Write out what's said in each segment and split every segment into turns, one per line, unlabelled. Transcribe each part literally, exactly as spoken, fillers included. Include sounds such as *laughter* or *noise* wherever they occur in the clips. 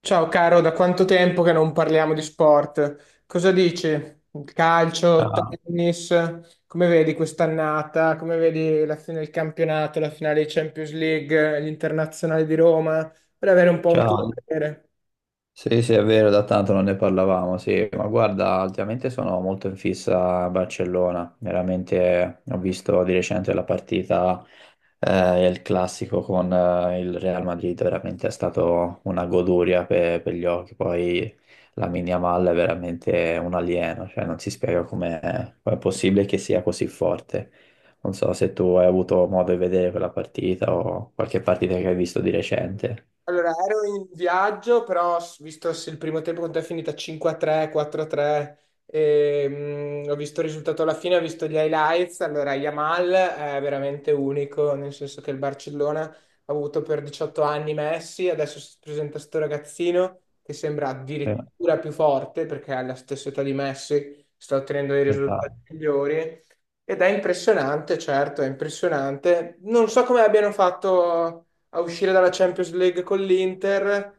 Ciao caro, da quanto tempo che non parliamo di sport? Cosa dici? Calcio,
Ah,
tennis, come vedi quest'annata? Come vedi la fine del campionato, la finale di Champions League, l'Internazionale di Roma? Per avere un po' un tuo
ciao.
parere.
Sì, sì, è vero, da tanto non ne parlavamo, sì, ma guarda, ultimamente sono molto in fissa a Barcellona, veramente ho visto di recente la partita, eh, il classico con eh, il Real Madrid, veramente è stato una goduria per, per gli occhi, poi la Yamal è veramente un alieno, cioè non si spiega come è possibile che sia così forte. Non so se tu hai avuto modo di vedere quella partita o qualche partita che hai visto di recente.
Allora, ero in viaggio, però s- visto se il primo tempo quanto è finita cinque a tre, quattro a tre, ehm, ho visto il risultato alla fine, ho visto gli highlights. Allora, Yamal è veramente unico, nel senso che il Barcellona ha avuto per diciotto anni Messi, adesso si presenta questo ragazzino che sembra addirittura più forte perché alla stessa età di Messi, sta ottenendo dei risultati
Esatto.
migliori ed è impressionante, certo, è impressionante. Non so come abbiano fatto a uscire dalla Champions League con l'Inter,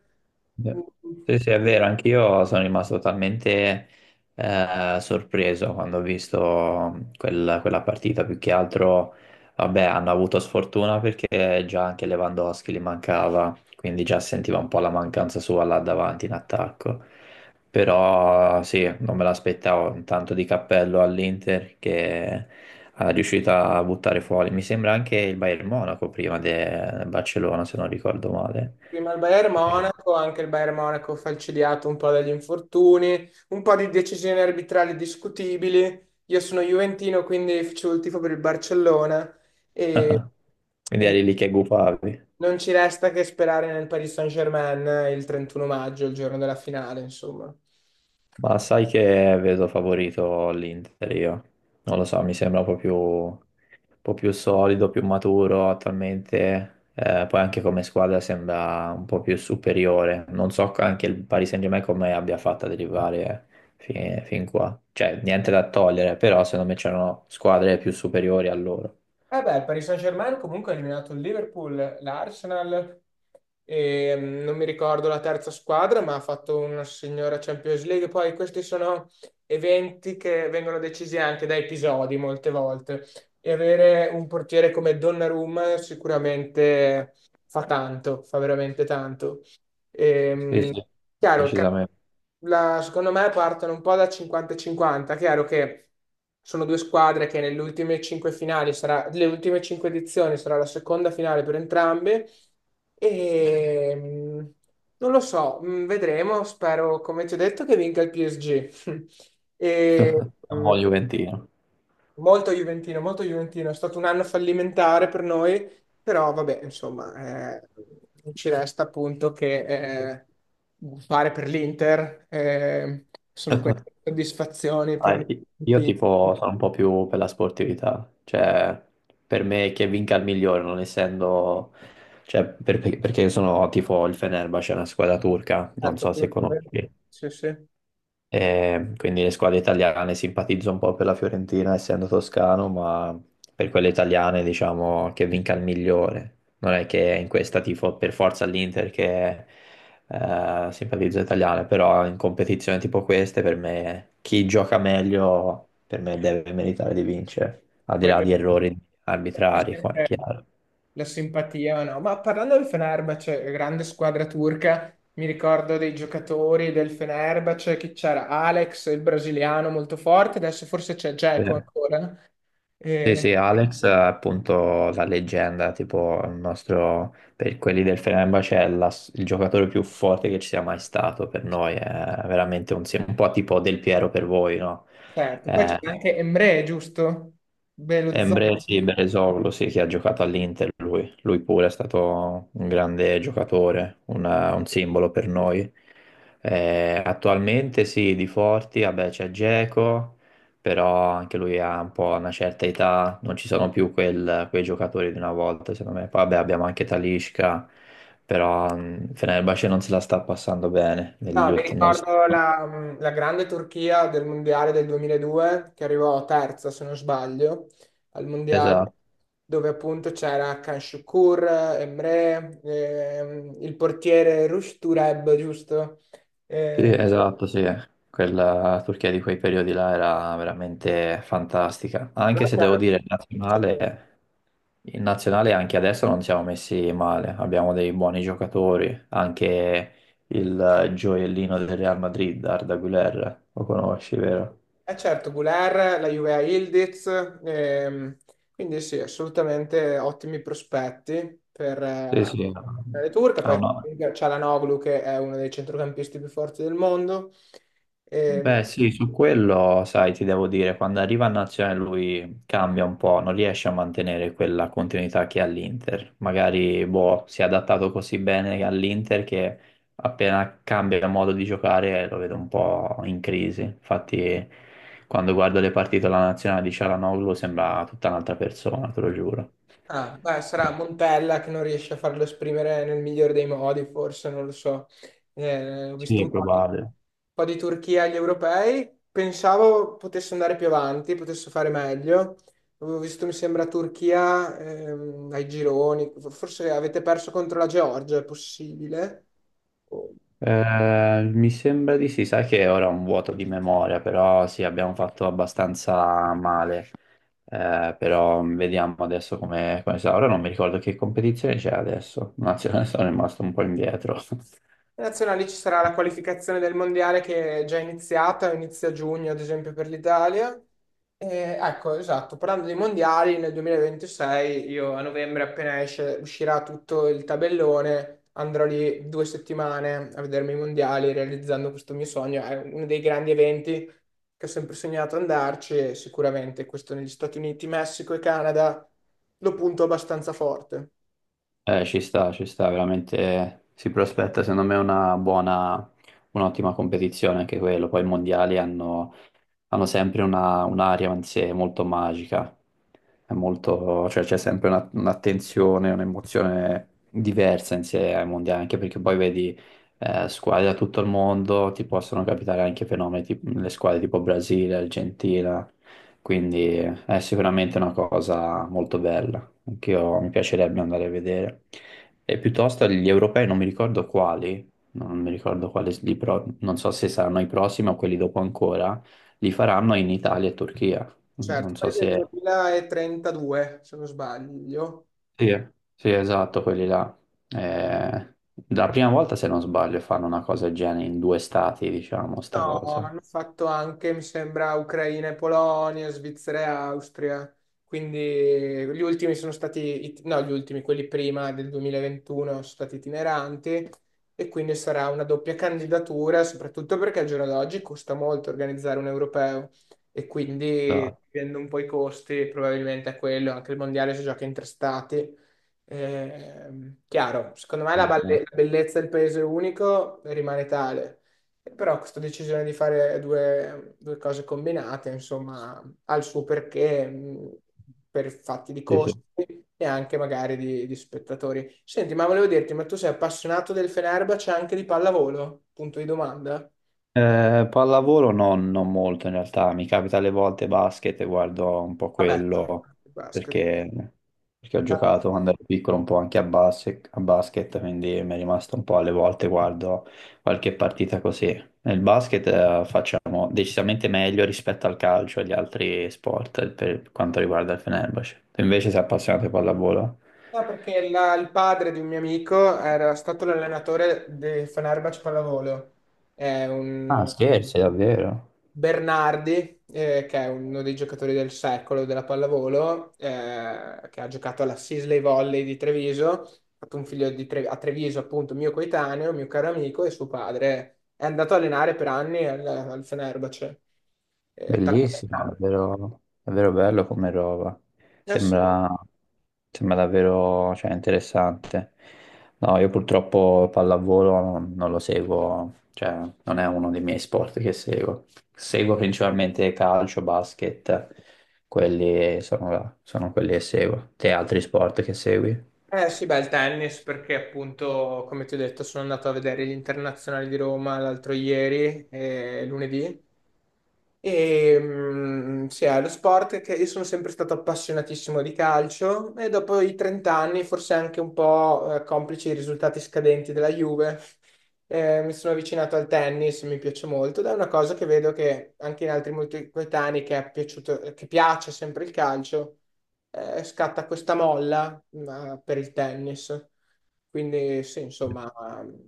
Sì, sì, è vero, anch'io sono rimasto totalmente eh, sorpreso quando ho visto quel- quella partita, più che altro, vabbè, hanno avuto sfortuna perché già anche Lewandowski gli mancava, quindi già sentiva un po' la mancanza sua là davanti in attacco, però sì, non me l'aspettavo, un tanto di cappello all'Inter che è riuscita a buttare fuori, mi sembra anche il Bayern Monaco prima de- del Barcellona, se non ricordo male.
prima il Bayern Monaco, anche il Bayern Monaco falcidiato un po' dagli infortuni, un po' di decisioni arbitrali discutibili. Io sono juventino, quindi facevo il tifo per il Barcellona e,
*laughs*
e
Quindi
niente,
eri lì che gufavi.
non ci resta che sperare nel Paris Saint-Germain il trentuno maggio, il giorno della finale, insomma.
Ma sai che vedo favorito l'Inter io. Non lo so, mi sembra un po' più, un po' più solido, più maturo attualmente. Eh, poi anche come squadra sembra un po' più superiore. Non so anche il Paris Saint-Germain come abbia fatto ad arrivare fi- fin qua. Cioè, niente da togliere, però secondo me c'erano squadre più superiori a loro.
Eh beh, il Paris Saint-Germain comunque ha eliminato il Liverpool, l'Arsenal. E mh, non mi ricordo la terza squadra, ma ha fatto una signora Champions League. Poi questi sono eventi che vengono decisi anche da episodi molte volte e avere un portiere come Donnarumma sicuramente fa tanto, fa veramente tanto.
Sì,
Ehm,
sì,
chiaro, ca-
decisamente.
la- secondo me partono un po' da cinquanta e cinquanta. Chiaro che sono due squadre che nelle ultime cinque finali sarà, le ultime cinque edizioni sarà la seconda finale per entrambe. E mh, non lo so, mh, vedremo. Spero, come ti ho detto, che vinca il P S G. *laughs* E,
*laughs* Un
mh,
buon Juventino.
molto Juventino, molto Juventino, è stato un anno fallimentare per noi, però vabbè, insomma, eh, ci resta appunto che eh, fare per l'Inter, eh, sono queste
*laughs*
soddisfazioni
Ah,
per
i- Io
tutti.
tipo sono un po' più per la sportività, cioè per me che vinca il migliore, non essendo, cioè per- per- perché sono tipo il Fenerbahce, è una squadra turca, non
Certo,
so se
come-
conosci.
sì, sì.
Eh, quindi le squadre italiane simpatizzo un po' per la Fiorentina, essendo toscano, ma per quelle italiane diciamo che vinca il migliore. Non è che in questa tifo per forza l'Inter che eh, simpatizzo italiane, però in competizioni tipo queste per me chi gioca meglio per me deve meritare di vincere, al di là
Quello
di errori arbitrari, qua è
è
chiaro.
la simpatia, o no? Ma parlando del Fenerbahce, grande squadra turca, mi ricordo dei giocatori del Fenerbahce, che c'era Alex, il brasiliano molto forte, adesso forse c'è
Sì.
Dzeko ancora.
Sì,
Eh,
sì, Alex è appunto la leggenda, tipo il nostro, per quelli del Fenerbahce, è la- il giocatore più forte che ci sia mai stato per noi, è veramente un, sim- un po' tipo Del Piero per voi, no?
certo, poi c'è
Eh,
anche Emre, giusto? Bello
Embre,
Belözoğlu.
sì, Beresoglu, sì, che ha giocato all'Inter, lui. Lui pure è stato un grande giocatore, una- un simbolo per noi. Eh, attualmente sì, di forti, vabbè, c'è Dzeko, però anche lui ha un po' una certa età, non ci sono più quel- quei giocatori di una volta, secondo me. Poi vabbè, abbiamo anche Talisca, però mh, Fenerbahce non se la sta passando bene negli
No, mi
ultimi... Non... so-
ricordo la, la grande Turchia del Mondiale del duemiladue, che arrivò terza, se non sbaglio, al Mondiale,
Esatto.
dove appunto c'era Can Şükür, Emre, ehm, il portiere Rush Tureb, giusto?
Sì,
Ehm,
esatto, sì. Quella Turchia di quei periodi là era veramente fantastica. Anche se devo
l'altro
dire, il
era-
nazionale, il nazionale anche adesso non siamo messi male. Abbiamo dei buoni giocatori. Anche il gioiellino del Real Madrid, Arda Güler, lo conosci, vero?
Eh certo, Goulart, la Juve a Yildiz, ehm, quindi sì, assolutamente ottimi prospetti per
Sì,
eh,
sì.
per le turche,
Ha
poi
una,
c'è Çalhanoğlu che è uno dei centrocampisti più forti del mondo, sì. ehm,
beh, sì, su quello, sai, ti devo dire, quando arriva a Nazionale lui cambia un po', non riesce a mantenere quella continuità che ha all'Inter. Magari, boh, si è adattato così bene all'Inter che appena cambia modo di giocare lo vedo un po' in crisi. Infatti, quando guardo le partite della Nazionale di Cialanoglu sembra tutta un'altra persona, te lo giuro.
Ah, beh, sarà Montella che non riesce a farlo esprimere nel migliore dei modi, forse, non lo so. Eh, ho visto
Sì, è
un po' di, un
probabile.
po' di Turchia agli europei, pensavo potesse andare più avanti, potesse fare meglio. Avevo visto, mi sembra, Turchia ehm, ai gironi, forse avete perso contro la Georgia, è possibile?
Eh, mi sembra di sì, sai che ora ho un vuoto di memoria, però sì, abbiamo fatto abbastanza male. Eh, però vediamo adesso come, come sarà. Ora non mi ricordo che competizione c'è adesso. Nazionale *laughs* sono rimasto un po' indietro. *laughs*
Le Nazionali ci sarà la qualificazione del mondiale che è già iniziata, inizia a giugno ad esempio per l'Italia. E, ecco, esatto, parlando dei mondiali, nel duemilaventisei io a novembre appena esce, uscirà tutto il tabellone, andrò lì due settimane a vedermi i mondiali realizzando questo mio sogno. È uno dei grandi eventi che ho sempre sognato andarci e sicuramente questo negli Stati Uniti, Messico e Canada lo punto abbastanza forte.
Eh, ci sta, ci sta, veramente si prospetta secondo me una buona, un'ottima competizione anche quello. Poi i mondiali hanno hanno sempre una- un'aria in sé molto magica, è molto- cioè c'è sempre una- un'attenzione, un'emozione diversa in sé ai mondiali, anche perché poi vedi eh, squadre da tutto il mondo, ti possono capitare anche fenomeni, tipo, le squadre tipo Brasile, Argentina, quindi è sicuramente una cosa molto bella, anche io mi piacerebbe andare a vedere. E piuttosto gli europei non mi ricordo quali, non mi ricordo quali, li pro- non so se saranno i prossimi o quelli dopo ancora, li faranno in Italia e Turchia.
Certo,
Non so
poi del
se...
duemilatrentadue se non sbaglio.
Sì, eh. Sì, esatto, quelli là. Eh, la prima volta, se non sbaglio, fanno una cosa del genere in due stati, diciamo, sta
No,
cosa.
hanno fatto anche, mi sembra, Ucraina e Polonia, Svizzera e Austria. Quindi gli ultimi sono stati, it- no, gli ultimi, quelli prima del duemilaventuno sono stati itineranti e quindi sarà una doppia candidatura, soprattutto perché al giorno d'oggi costa molto organizzare un europeo e quindi
Esatto.
dipende un po' i costi, probabilmente è quello, anche il mondiale si gioca in tre stati. Ehm, chiaro, secondo me la balle- la bellezza del paese unico rimane tale. Però questa decisione di fare due, due cose combinate, insomma, ha il suo perché mh, per fatti di
Sì,
costi
sì.
e anche magari di, di spettatori. Senti, ma volevo dirti, ma tu sei appassionato del Fenerbahce anche di pallavolo? Punto di domanda.
Eh, pallavolo non, non molto in realtà, mi capita alle volte basket e guardo un po'
Vabbè,
quello
basket.
perché, perché ho giocato quando ero piccolo un po' anche a basket, a basket, quindi mi è rimasto un po' alle volte guardo qualche partita così. Nel basket eh, facciamo decisamente meglio rispetto al calcio e agli altri sport per quanto riguarda il Fenerbahce. Tu invece sei appassionato di pallavolo?
No, perché la- il padre di un mio amico era stato l'allenatore del Fenerbahce Pallavolo. È
Ah,
un
scherzi, davvero?
Bernardi, eh, che è uno dei giocatori del secolo della pallavolo, eh, che ha giocato alla Sisley Volley di Treviso, ha fatto un figlio di Tre- a Treviso, appunto, mio coetaneo, mio caro amico, e suo padre è andato a allenare per anni al, al Fenerbahce. Eh, tanto per
Bellissimo,
tanto.
davvero, davvero bello come roba.
Eh sì,
Sembra, sembra davvero, cioè, interessante. No, io purtroppo pallavolo non, non lo seguo, cioè non è uno dei miei sport che seguo. Seguo principalmente calcio, basket, quelli sono, sono quelli che seguo. Te altri sport che segui?
eh sì, beh, il tennis, perché appunto, come ti ho detto, sono andato a vedere gli internazionali di Roma l'altro ieri, eh, lunedì. E, mm, sì, è lo sport che io sono sempre stato appassionatissimo di calcio e dopo i trenta anni, forse anche un po' eh, complici i risultati scadenti della Juve, eh, mi sono avvicinato al tennis, mi piace molto ed è una cosa che vedo che anche in altri molti coetanei che, è piaciuto, che piace sempre il calcio, eh, scatta questa molla, ma per il tennis. Quindi sì, insomma,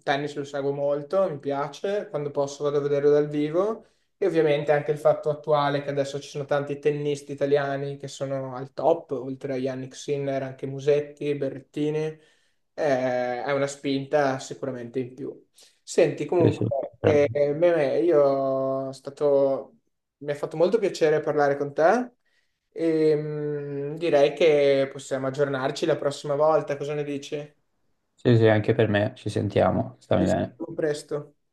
tennis lo seguo molto, mi piace, quando posso vado a vederlo dal vivo e ovviamente anche il fatto attuale che adesso ci sono tanti tennisti italiani che sono al top, oltre a Yannick Sinner, anche Musetti, Berrettini, eh, è una spinta sicuramente in più. Senti,
Sì, sì.
comunque, eh,
Sicuramente.
Meme, io è stato... mi ha fatto molto piacere parlare con te e mm, direi che possiamo aggiornarci la prossima volta, cosa ne dici?
Sì, sì, anche per me, ci sentiamo,
Ci
stammi bene.
sentiamo presto.